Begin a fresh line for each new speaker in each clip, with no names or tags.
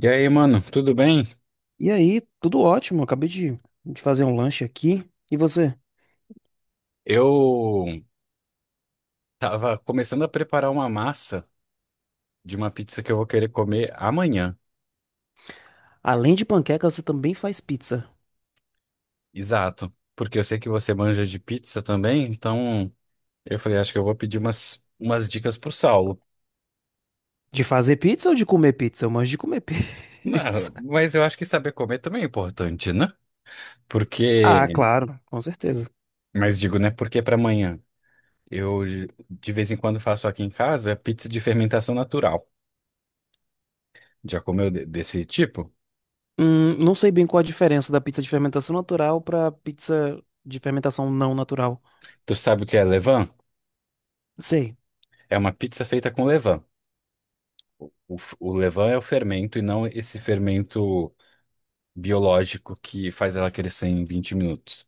E aí, mano, tudo bem?
E aí, tudo ótimo. Acabei de fazer um lanche aqui. E você?
Eu tava começando a preparar uma massa de uma pizza que eu vou querer comer amanhã.
Além de panqueca, você também faz pizza.
Exato. Porque eu sei que você manja de pizza também, então eu falei, acho que eu vou pedir umas dicas pro Saulo.
De fazer pizza ou de comer pizza? Eu manjo de comer pizza.
Não, mas eu acho que saber comer também é importante, né? Porque,
Ah, claro, com certeza.
mas digo, né? Porque para amanhã. Eu de vez em quando faço aqui em casa pizza de fermentação natural. Já comeu desse tipo?
Não sei bem qual a diferença da pizza de fermentação natural pra pizza de fermentação não natural.
Tu sabe o que é levain?
Sei.
É uma pizza feita com levain. O levain é o fermento e não esse fermento biológico que faz ela crescer em 20 minutos.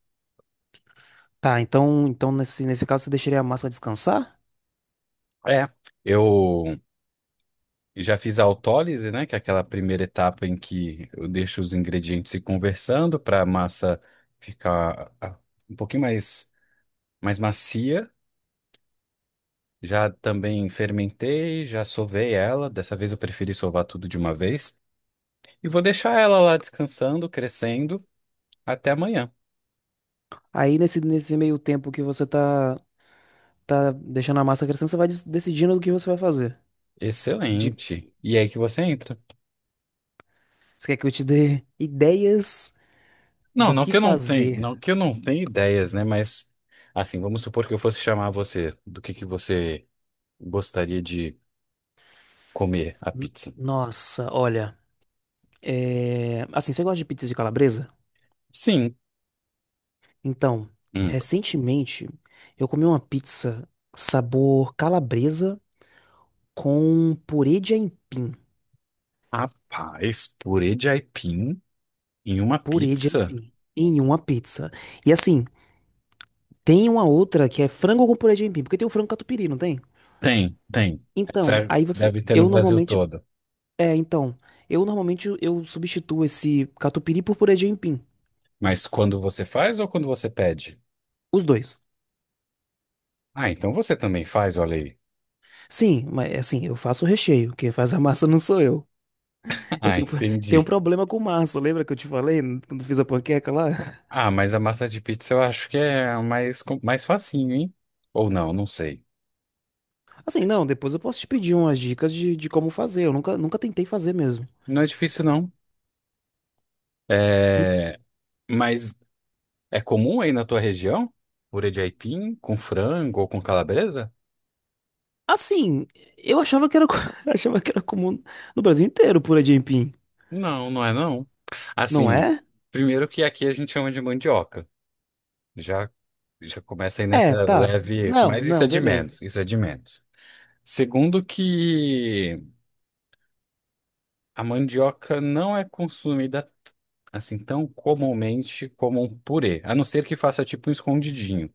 Tá, então nesse caso você deixaria a massa descansar?
É, eu já fiz a autólise, né, que é aquela primeira etapa em que eu deixo os ingredientes se conversando para a massa ficar um pouquinho mais macia. Já também fermentei, já sovei ela. Dessa vez eu preferi sovar tudo de uma vez. E vou deixar ela lá descansando, crescendo, até amanhã.
Aí nesse meio tempo que você tá deixando a massa crescendo, você vai decidindo o que você vai fazer. De-
Excelente. E é aí que você entra.
Você quer que eu te dê ideias
Não,
do
não
que
que eu não tenha,
fazer?
não que eu não tenha ideias, né? Mas assim, vamos supor que eu fosse chamar você do que você gostaria de comer a
N-
pizza.
Nossa, olha. Assim, você gosta de pizza de calabresa?
Sim.
Então,
Hum.
recentemente eu comi uma pizza sabor calabresa com purê de aipim.
Rapaz, purê de aipim em uma
Purê de
pizza?
aipim em uma pizza. E assim, tem uma outra que é frango com purê de aipim, porque tem o frango catupiry, não tem?
Tem, tem. Essa
Então,
é,
aí você,
deve ter no
eu
Brasil
normalmente,
todo.
é, então, eu normalmente eu substituo esse catupiry por purê de aipim.
Mas quando você faz ou quando você pede?
Os dois.
Ah, então você também faz, olha aí.
Sim, mas assim, eu faço o recheio. Quem faz a massa não sou eu. Eu
Ah,
tenho, tenho um
entendi.
problema com massa. Lembra que eu te falei quando fiz a panqueca lá?
Ah, mas a massa de pizza eu acho que é mais facinho, hein? Ou não, não sei.
Assim, não, depois eu posso te pedir umas dicas de como fazer. Eu nunca tentei fazer mesmo.
Não é difícil, não. É, mas é comum aí na tua região? Purê de aipim com frango ou com calabresa?
Assim, eu achava que era, achava que era comum no Brasil inteiro pura aipim.
Não, não é não.
Não
Assim,
é?
primeiro que aqui a gente chama de mandioca. Já já começa aí
É,
nessa
tá.
leve,
Não,
mas isso é
não,
de
beleza.
menos, isso é de menos. Segundo que a mandioca não é consumida assim tão comumente como um purê, a não ser que faça tipo um escondidinho.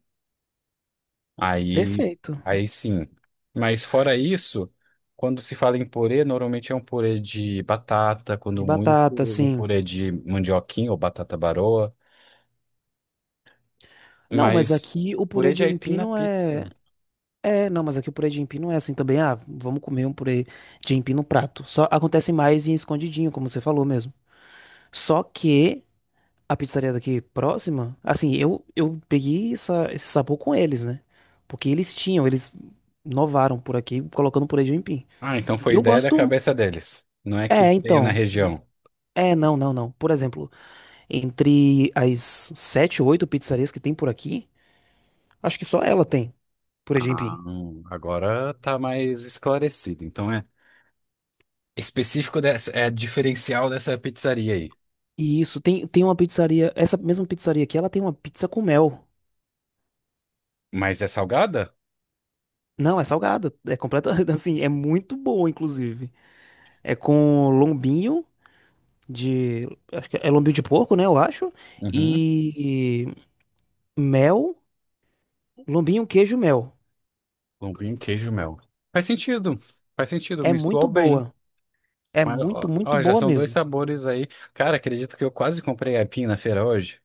Aí,
Perfeito.
aí sim. Mas fora isso, quando se fala em purê, normalmente é um purê de batata,
De
quando muito,
batata,
um
sim.
purê de mandioquinha ou batata baroa.
Não, mas
Mas
aqui o purê
purê de
de
aipim
aipim
na
não é.
pizza.
É, não, mas aqui o purê de aipim não é assim também. Ah, vamos comer um purê de aipim no prato. Só acontece mais em escondidinho, como você falou mesmo. Só que a pizzaria daqui próxima? Assim, eu peguei esse sabor com eles, né? Porque eles tinham, eles inovaram por aqui, colocando purê de aipim.
Ah, então
E
foi
eu
ideia da
gosto.
cabeça deles. Não é que
É,
tenha na
então.
região.
É, não, não, não. Por exemplo, entre as sete ou oito pizzarias que tem por aqui, acho que só ela tem purê de
Ah,
aipim.
agora tá mais esclarecido. Então é específico dessa, é diferencial dessa pizzaria aí.
E isso, tem uma pizzaria. Essa mesma pizzaria aqui, ela tem uma pizza com mel.
Mas é salgada?
Não, é salgada. É completa. Assim, é muito boa, inclusive. É com lombinho. de, Acho que é lombinho de porco, né, eu acho,
Uhum.
e mel, lombinho, queijo, mel.
Lombinho, queijo, mel. Faz sentido. Faz sentido,
É
me soou
muito
bem.
boa. É
Mas,
muito,
ó,
muito
ó, já
boa
são dois
mesmo.
sabores aí. Cara, acredito que eu quase comprei aipim na feira hoje.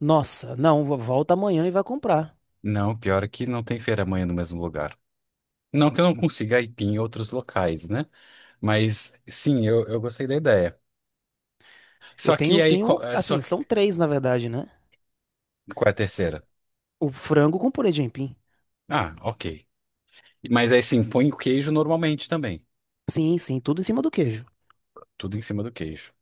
Nossa, não, volta amanhã e vai comprar.
Não, pior que não tem feira amanhã no mesmo lugar. Não que eu não consiga aipim em outros locais, né? Mas sim, eu gostei da ideia.
Eu
Só que aí,
tenho, assim, são três, na verdade, né?
qual é a terceira?
O frango com purê de aipim.
Ah, ok. Mas aí sim, põe o queijo normalmente também.
Sim, sim, tudo em cima do queijo.
Tudo em cima do queijo.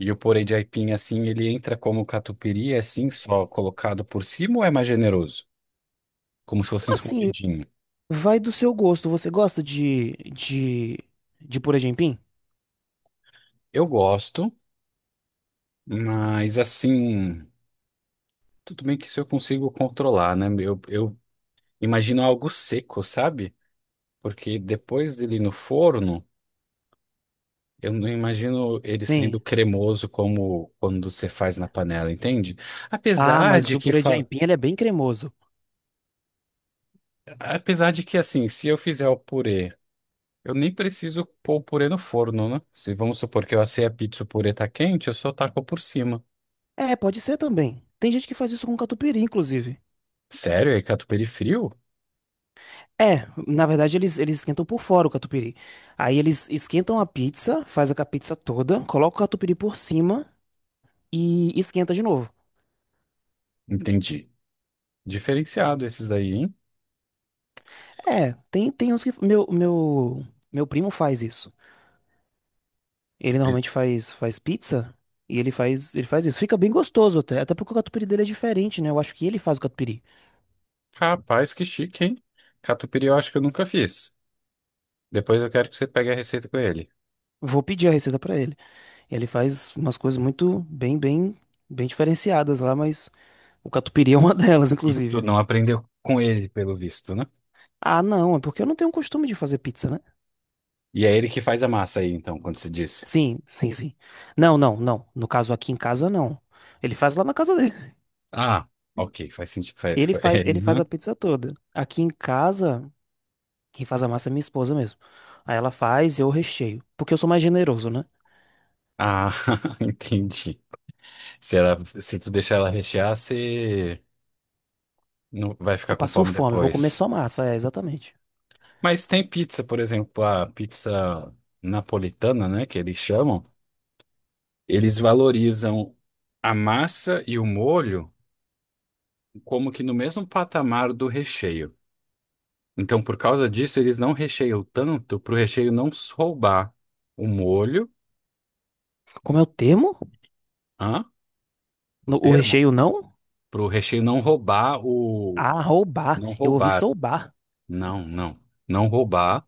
E o purê de aipim, assim, ele entra como catupiry, é, assim, só colocado por cima ou é mais generoso? Como se fosse um
Assim,
escondidinho.
vai do seu gosto. Você gosta de purê de aipim?
Eu gosto. Mas assim. Tudo bem que isso eu consigo controlar, né? Eu imagino algo seco, sabe? Porque depois dele no forno, eu não imagino ele saindo
Sim.
cremoso como quando você faz na panela, entende?
Ah,
Apesar
mas
de
o
que,
purê de
fa...
aipim, ele é bem cremoso.
apesar de que assim, se eu fizer o purê, eu nem preciso pôr o purê no forno, né? Se vamos supor que eu assei a pizza, e o purê tá quente, eu só taco por cima.
É, pode ser também. Tem gente que faz isso com catupiry, inclusive.
Sério? É catupiry frio?
É, na verdade eles esquentam por fora o catupiry. Aí eles esquentam a pizza, faz a pizza toda, coloca o catupiry por cima e esquenta de novo.
Entendi. Diferenciado esses daí, hein?
É, tem uns que. Meu primo faz isso. Ele normalmente faz pizza e ele ele faz isso. Fica bem gostoso até porque o catupiry dele é diferente, né? Eu acho que ele faz o catupiry.
Rapaz, que chique, hein? Catupiry eu acho que eu nunca fiz. Depois eu quero que você pegue a receita com ele.
Vou pedir a receita pra ele. Ele faz umas coisas muito bem diferenciadas lá, mas o catupiry é uma delas,
E tu
inclusive.
não aprendeu com ele, pelo visto, né?
Ah, não, é porque eu não tenho costume de fazer pizza, né?
E é ele que faz a massa aí, então, quando você disse.
Sim, sim, sim. Não, não, não. No caso aqui em casa não. Ele faz lá na casa dele.
Ah, ok, faz sentido.
Ele
É,
ele faz a
uhum.
pizza toda. Aqui em casa, quem faz a massa é minha esposa mesmo. Aí ela faz e eu recheio, porque eu sou mais generoso, né?
Ah, entendi. Se tu deixar ela rechear, você não vai
Eu
ficar com
passo
fome
fome, eu vou comer
depois.
só massa, é exatamente.
Mas tem pizza, por exemplo, a pizza napolitana, né, que eles chamam. Eles valorizam a massa e o molho como que no mesmo patamar do recheio. Então, por causa disso, eles não recheiam tanto para o recheio não roubar o molho,
Como é o termo?
hã? O
O
termo?
recheio não?
Para o recheio não roubar o.
Ah, roubar.
Não
Eu ouvi
roubar.
soubar.
Não, não. Não roubar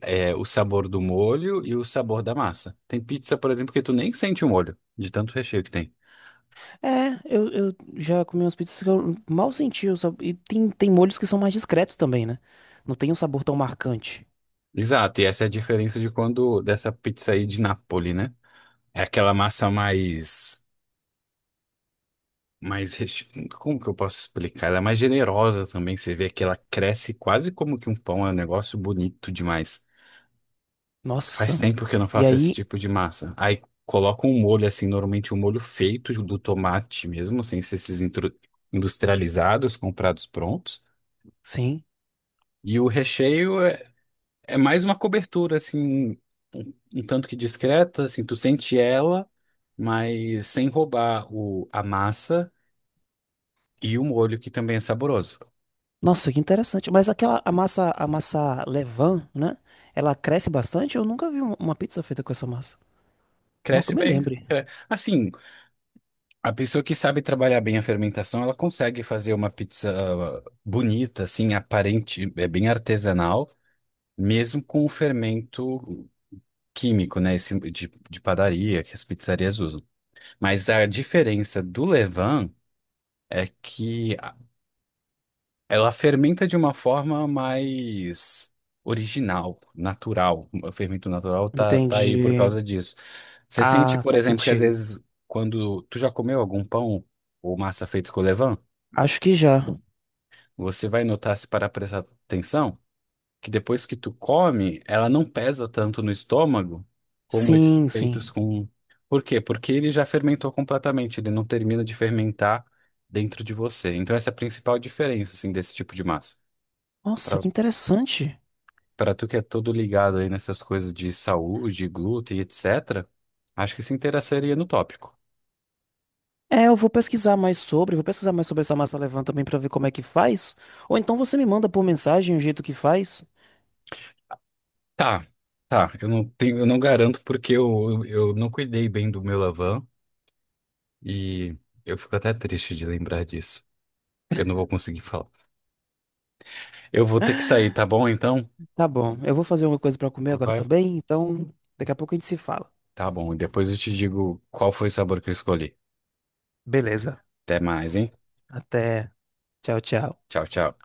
é, o sabor do molho e o sabor da massa. Tem pizza, por exemplo, que tu nem sente o molho, de tanto recheio que tem.
É, eu já comi umas pizzas que eu mal senti, o sabor. E tem molhos que são mais discretos também, né? Não tem um sabor tão marcante.
Exato, e essa é a diferença de quando dessa pizza aí de Napoli, né? É aquela massa mais mais. Como que eu posso explicar? Ela é mais generosa também. Você vê que ela cresce quase como que um pão. É um negócio bonito demais. Faz
Nossa.
tempo que eu não
E
faço esse
aí,
tipo de massa. Aí coloca um molho assim, normalmente um molho feito do tomate mesmo, sem ser esses industrializados, comprados prontos.
sim.
E o recheio é mais uma cobertura, assim, um, um tanto que discreta, assim, tu sente ela, mas sem roubar a massa e o molho, que também é saboroso.
Nossa, que interessante. Mas aquela a massa levain, né? Ela cresce bastante? Eu nunca vi uma pizza feita com essa massa. Não, que eu
Cresce
me
bem.
lembre.
Assim, a pessoa que sabe trabalhar bem a fermentação, ela consegue fazer uma pizza bonita, assim, aparente, é bem artesanal, mesmo com o fermento químico, né? Esse de padaria que as pizzarias usam. Mas a diferença do levain é que ela fermenta de uma forma mais original, natural. O fermento natural tá aí por
Entendi.
causa disso. Você sente,
Ah,
por
faz
exemplo, que às
sentido.
vezes quando tu já comeu algum pão ou massa feito com levain,
Acho que já.
você vai notar, se parar pra prestar atenção, que depois que tu come, ela não pesa tanto no estômago como esses
Sim,
peitos
sim.
com... Por quê? Porque ele já fermentou completamente, ele não termina de fermentar dentro de você. Então essa é a principal diferença, assim, desse tipo de massa.
Nossa, que interessante.
Para tu que é todo ligado aí nessas coisas de saúde, glúten, etc., acho que se interessaria no tópico.
É, eu vou pesquisar mais sobre, vou pesquisar mais sobre essa massa levain também pra ver como é que faz. Ou então você me manda por mensagem o jeito que faz.
Tá, tá. Eu não tenho, eu não garanto porque eu não cuidei bem do meu Lavan e eu fico até triste de lembrar disso. Eu não vou conseguir falar. Eu vou ter que sair, tá bom? Então,
Tá bom. Eu vou fazer uma coisa pra comer agora
vai.
também, então daqui a pouco a gente se fala.
Tá bom. E depois eu te digo qual foi o sabor que eu escolhi.
Beleza.
Até mais, hein?
Até. Tchau, tchau.
Tchau, tchau.